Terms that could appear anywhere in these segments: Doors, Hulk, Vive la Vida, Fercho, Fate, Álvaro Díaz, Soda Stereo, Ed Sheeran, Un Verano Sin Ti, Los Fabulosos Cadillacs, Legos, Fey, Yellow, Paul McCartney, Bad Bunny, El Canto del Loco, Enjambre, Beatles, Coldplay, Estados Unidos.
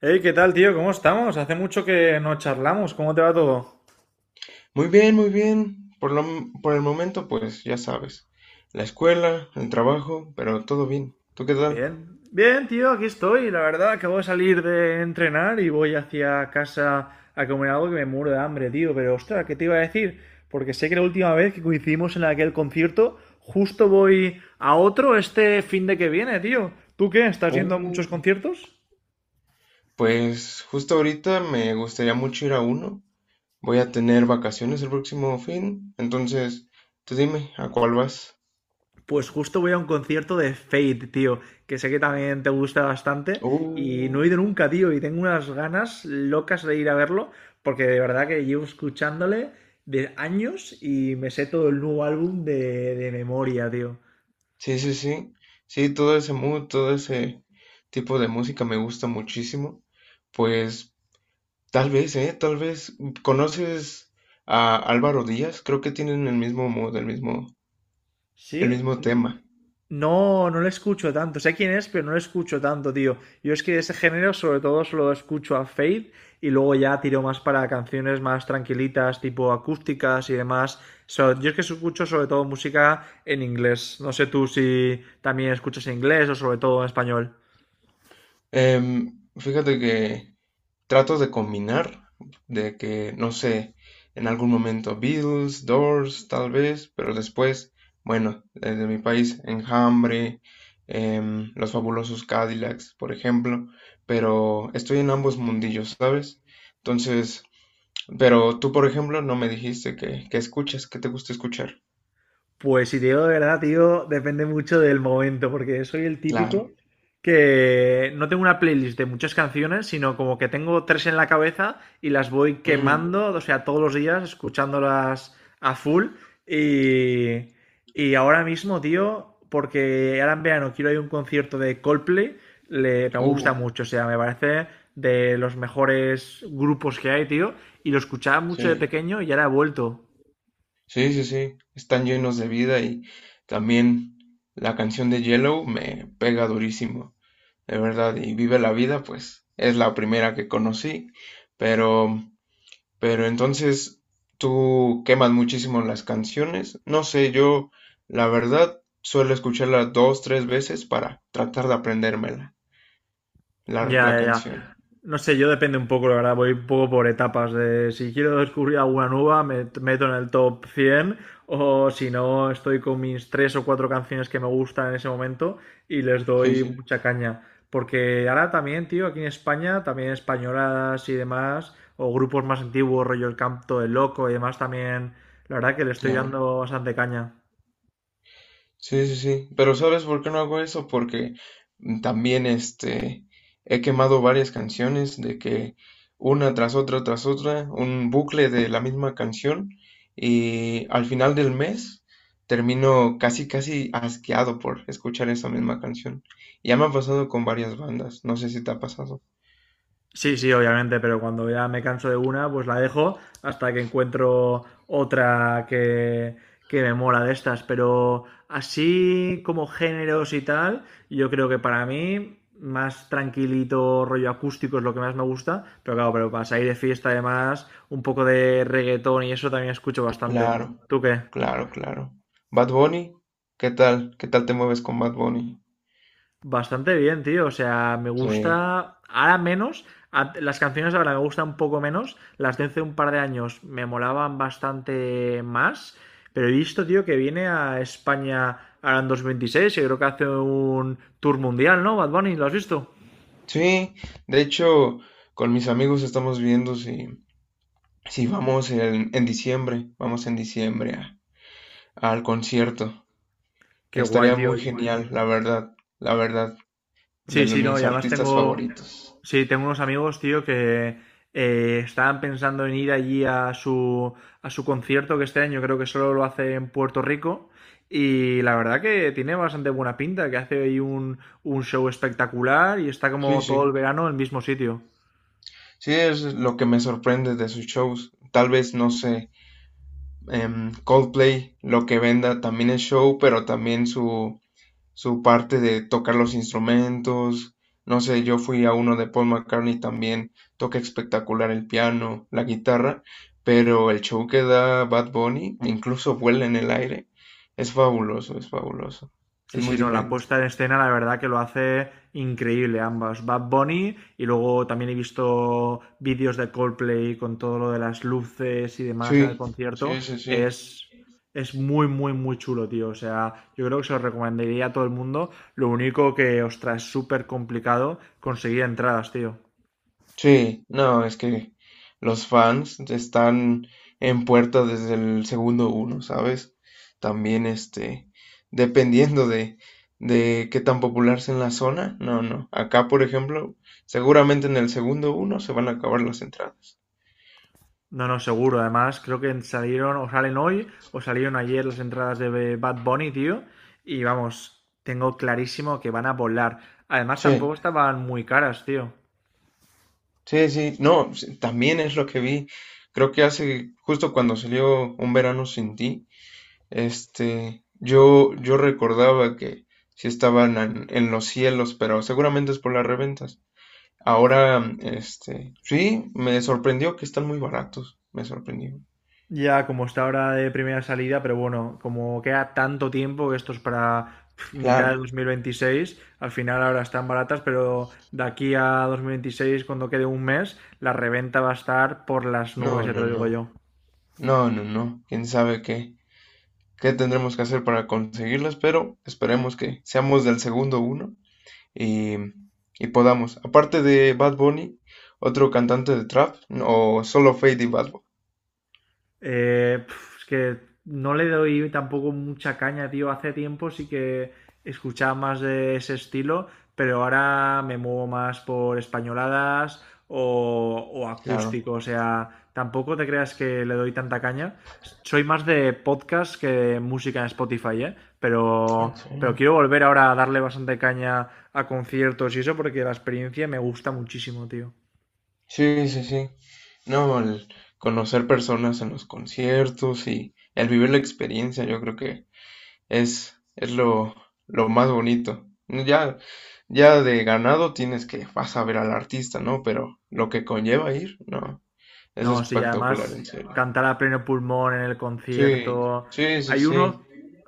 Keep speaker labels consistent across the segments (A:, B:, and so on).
A: Hey, ¿qué tal, tío? ¿Cómo estamos? Hace mucho que no charlamos. ¿Cómo te va todo?
B: Muy bien, muy bien. Por el momento, pues ya sabes, la escuela, el trabajo, pero todo bien. ¿Tú qué tal?
A: Bien, bien, tío, aquí estoy. La verdad, acabo de salir de entrenar y voy hacia casa a comer algo que me muero de hambre, tío. Pero, ostras, ¿qué te iba a decir? Porque sé que la última vez que coincidimos en aquel concierto, justo voy a otro este fin de que viene, tío. ¿Tú qué? ¿Estás yendo a muchos
B: Uh,
A: conciertos?
B: pues justo ahorita me gustaría mucho ir a uno. Voy a tener vacaciones el próximo fin, entonces tú dime, ¿a cuál vas?
A: Pues justo voy a un concierto de Fate, tío, que sé que también te gusta bastante y no he
B: Uh,
A: ido nunca, tío, y tengo unas ganas locas de ir a verlo porque de verdad que llevo escuchándole de años y me sé todo el nuevo álbum de memoria, tío.
B: sí, sí, sí. Sí, todo ese mood, todo ese tipo de música me gusta muchísimo. Pues tal vez, ¿eh? Tal vez. ¿Conoces a Álvaro Díaz? Creo que tienen el mismo mood, el
A: Sí.
B: mismo tema.
A: No, no le escucho tanto. Sé quién es, pero no le escucho tanto, tío. Yo es que de ese género sobre todo solo escucho a Fade y luego ya tiro más para canciones más tranquilitas, tipo acústicas y demás. Yo es que escucho sobre todo música en inglés. No sé tú si también escuchas en inglés o sobre todo en español.
B: Em, fíjate que trato de combinar, de que, no sé, en algún momento Beatles, Doors, tal vez, pero después, bueno, desde mi país, Enjambre, Los Fabulosos Cadillacs, por ejemplo, pero estoy en ambos mundillos, ¿sabes? Entonces, pero tú, por ejemplo, no me dijiste que, escuchas, que te gusta escuchar.
A: Pues si te digo de verdad, tío, depende mucho del momento, porque soy el
B: Claro.
A: típico que no tengo una playlist de muchas canciones, sino como que tengo tres en la cabeza y las voy
B: Mm,
A: quemando, o sea, todos los días escuchándolas a full. Y, y ahora mismo, tío, porque ahora en verano quiero ir a un concierto de Coldplay, me
B: uh,
A: gusta mucho, o sea, me parece de los mejores grupos que hay, tío, y lo escuchaba mucho de
B: sí.
A: pequeño y ahora he vuelto.
B: Sí, sí, sí. Están llenos de vida y también la canción de Yellow me pega durísimo, de verdad. Y Vive la Vida, pues es la primera que conocí. Pero, pero entonces tú quemas muchísimo las canciones. No sé, yo la verdad suelo escucharla dos, tres veces para tratar de aprendérmela,
A: Ya,
B: la
A: ya, ya.
B: canción.
A: No sé, yo depende un poco, la verdad, voy un poco por etapas. De, si quiero descubrir alguna nueva, meto en el top 100, o si no, estoy con mis tres o cuatro canciones que me gustan en ese momento y les
B: Sí,
A: doy
B: sí,
A: mucha caña. Porque ahora también, tío, aquí en España, también españolas y demás, o grupos más antiguos, rollo El Canto del Loco y demás, también, la verdad que le estoy
B: claro.
A: dando bastante caña.
B: Sí, sí, sí. Pero ¿sabes por qué no hago eso? Porque también este he quemado varias canciones de que una tras otra, un bucle de la misma canción y al final del mes termino casi casi asqueado por escuchar esa misma canción. Ya me ha pasado con varias bandas, no sé si te ha pasado.
A: Sí, sí, obviamente, pero cuando ya me canso de una, pues la dejo hasta que encuentro otra que me mola de estas. Pero así como géneros y tal, yo creo que para mí más tranquilito, rollo acústico es lo que más me gusta. Pero claro, pero para salir de fiesta además, un poco de reggaetón y eso también escucho bastante.
B: Claro,
A: ¿Tú qué?
B: claro, claro. Bad Bunny, ¿qué tal? ¿Qué tal te mueves con Bad Bunny?
A: Bastante bien, tío. O sea, me
B: Sí.
A: gusta. Ahora menos. Las canciones ahora me gustan un poco menos. Las de hace un par de años me molaban bastante más. Pero he visto, tío, que viene a España ahora en 2026. Y creo que hace un tour mundial, ¿no? Bad Bunny, ¿lo has visto?
B: Sí, de hecho, con mis amigos estamos viendo si, si vamos en diciembre, vamos en diciembre a- al concierto.
A: Qué guay,
B: Estaría
A: tío.
B: muy genial, la verdad,
A: Sí,
B: de los,
A: sí, no,
B: mis
A: y además
B: artistas
A: tengo,
B: favoritos.
A: sí, tengo unos amigos, tío, que estaban pensando en ir allí a a su concierto, que este año creo que solo lo hace en Puerto Rico, y la verdad que tiene bastante buena pinta, que hace ahí un show espectacular y está
B: Sí,
A: como
B: sí,
A: todo el verano en el mismo sitio.
B: sí, es lo que me sorprende de sus shows. Tal vez, no sé, Coldplay, lo que venda también es show, pero también su parte de tocar los instrumentos. No sé, yo fui a uno de Paul McCartney también, toca espectacular el piano, la guitarra, pero el show que da Bad Bunny, incluso vuela en el aire, es fabuloso, es fabuloso. Es
A: Sí,
B: muy
A: sí, no, la
B: diferente.
A: puesta en escena la verdad que lo hace increíble ambas. Bad Bunny y luego también he visto vídeos de Coldplay con todo lo de las luces y demás
B: Sí,
A: en el concierto.
B: sí, sí, sí.
A: Es, es muy, muy, muy chulo, tío. O sea, yo creo que se lo recomendaría a todo el mundo. Lo único que, ostras, es súper complicado conseguir entradas, tío.
B: Sí, no, es que los fans están en puerta desde el segundo uno, ¿sabes? También, este, dependiendo de qué tan popular sea en la zona, no, no. Acá, por ejemplo, seguramente en el segundo uno se van a acabar las entradas.
A: No, no, seguro. Además, creo que salieron o salen hoy o salieron ayer las entradas de Bad Bunny, tío. Y vamos, tengo clarísimo que van a volar. Además,
B: Sí,
A: tampoco estaban muy caras, tío.
B: sí, sí, no, sí, también es lo que vi. Creo que hace, justo cuando salió Un Verano Sin Ti, este, yo recordaba que sí estaban en los cielos, pero seguramente es por las reventas. Ahora, este, sí, me sorprendió que están muy baratos. Me sorprendió.
A: Ya como está ahora de primera salida, pero bueno, como queda tanto tiempo que esto es para mitad de
B: Claro.
A: 2026, al final ahora están baratas, pero de aquí a 2026, cuando quede un mes, la reventa va a estar por las nubes,
B: No,
A: ya te
B: no,
A: lo digo
B: no.
A: yo.
B: No, no, no. Quién sabe qué, qué tendremos que hacer para conseguirlas, pero esperemos que seamos del segundo uno y, y podamos. Aparte de Bad Bunny, ¿otro cantante de trap, o solo Fade y Bad Bunny?
A: Eh, es que no le doy tampoco mucha caña, tío. Hace tiempo sí que escuchaba más de ese estilo, pero ahora me muevo más por españoladas o
B: Claro.
A: acústico. O sea, tampoco te creas que le doy tanta caña. Soy más de podcast que de música en Spotify, ¿eh?
B: En
A: Pero
B: serio.
A: quiero volver ahora a darle bastante caña a conciertos y eso porque la experiencia me gusta muchísimo, tío.
B: Sí, sí, sí. No, el conocer personas en los conciertos y el vivir la experiencia, yo creo que es lo más bonito. Ya, ya de ganado tienes que vas a ver al artista, ¿no? Pero lo que conlleva ir, no, es
A: No, sí,
B: espectacular, en
A: además
B: serio.
A: cantar a pleno pulmón en el
B: Sí,
A: concierto.
B: sí, sí,
A: Hay
B: sí,
A: uno,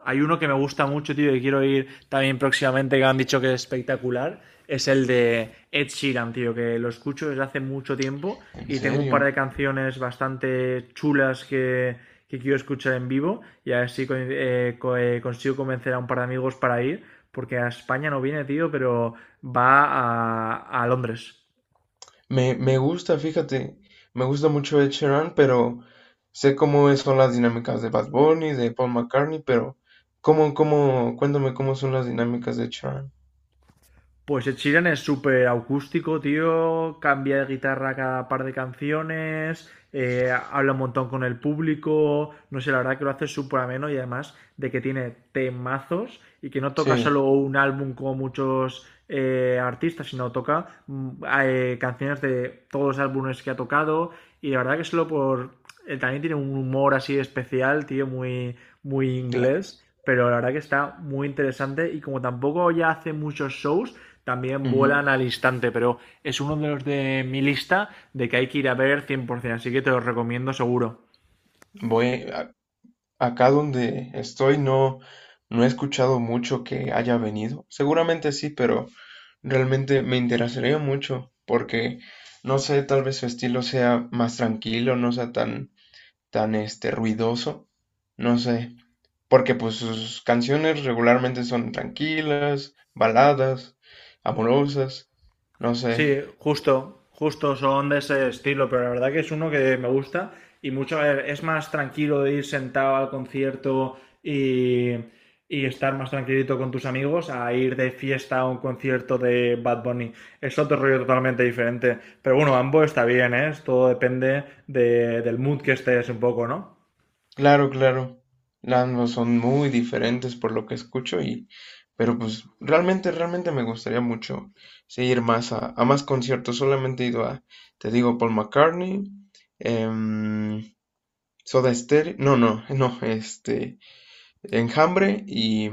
A: hay uno que me gusta mucho, tío, y quiero ir también próximamente, que me han dicho que es espectacular. Es el de Ed Sheeran, tío, que lo escucho desde hace mucho tiempo
B: en
A: y tengo un par
B: serio.
A: de canciones bastante chulas que quiero escuchar en vivo y a ver si consigo convencer a un par de amigos para ir, porque a España no viene, tío, pero va a Londres.
B: Me gusta, fíjate, me gusta mucho Ed Sheeran, pero sé cómo son las dinámicas de Bad Bunny, de Paul McCartney, pero cómo, cómo, cuéntame cómo son las dinámicas de Ed Sheeran.
A: Pues Ed Sheeran es súper acústico, tío. Cambia de guitarra cada par de canciones. Habla un montón con el público. No sé, la verdad que lo hace súper ameno y además de que tiene temazos y que no toca solo
B: Sí,
A: un álbum como muchos artistas, sino toca canciones de todos los álbumes que ha tocado. Y la verdad que solo por también tiene un humor así especial, tío, muy
B: claro.
A: inglés, pero la verdad que está muy interesante y como tampoco ya hace muchos shows, también
B: Ujú.
A: vuelan al instante, pero es uno de los de mi lista de que hay que ir a ver 100%, así que te los recomiendo seguro.
B: Voy a- acá donde estoy no he escuchado mucho que haya venido. Seguramente sí, pero realmente me interesaría mucho porque no sé, tal vez su estilo sea más tranquilo, no sea tan este ruidoso. No sé. Porque pues sus canciones regularmente son tranquilas, baladas, amorosas, no sé.
A: Sí, justo, justo son de ese estilo, pero la verdad que es uno que me gusta y mucho, a ver, es más tranquilo de ir sentado al concierto y, y estar más tranquilito con tus amigos a ir de fiesta a un concierto de Bad Bunny. Es otro rollo totalmente diferente, pero bueno, ambos está bien, ¿eh? Todo depende del mood que estés un poco, ¿no?
B: Claro, claro. Ambos son muy diferentes por lo que escucho y pero pues realmente, realmente me gustaría mucho seguir más a más conciertos. Solamente he ido a, te digo, Paul McCartney, em, Soda Stereo, no, no, no, este, Enjambre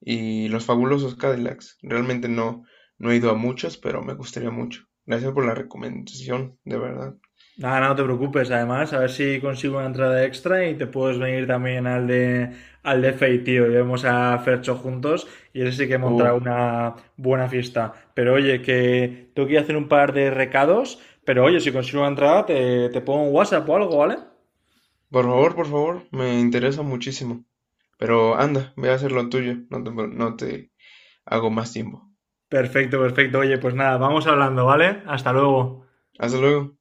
B: y Los Fabulosos Cadillacs. Realmente no, no he ido a muchos, pero me gustaría mucho. Gracias por la recomendación, de verdad.
A: Ah, no te preocupes, además, a ver si consigo una entrada extra y te puedes venir también al al de Fey, tío. Llevamos a Fercho juntos y ese sí que montará
B: Oh,
A: una buena fiesta. Pero oye, que tengo que ir a hacer un par de recados, pero oye, si consigo una entrada te pongo un WhatsApp o algo, ¿vale?
B: por favor, me interesa muchísimo. Pero anda, ve a hacer lo tuyo, no te, no te hago más tiempo.
A: Perfecto, perfecto. Oye, pues nada, vamos hablando, ¿vale? Hasta luego.
B: Hasta luego.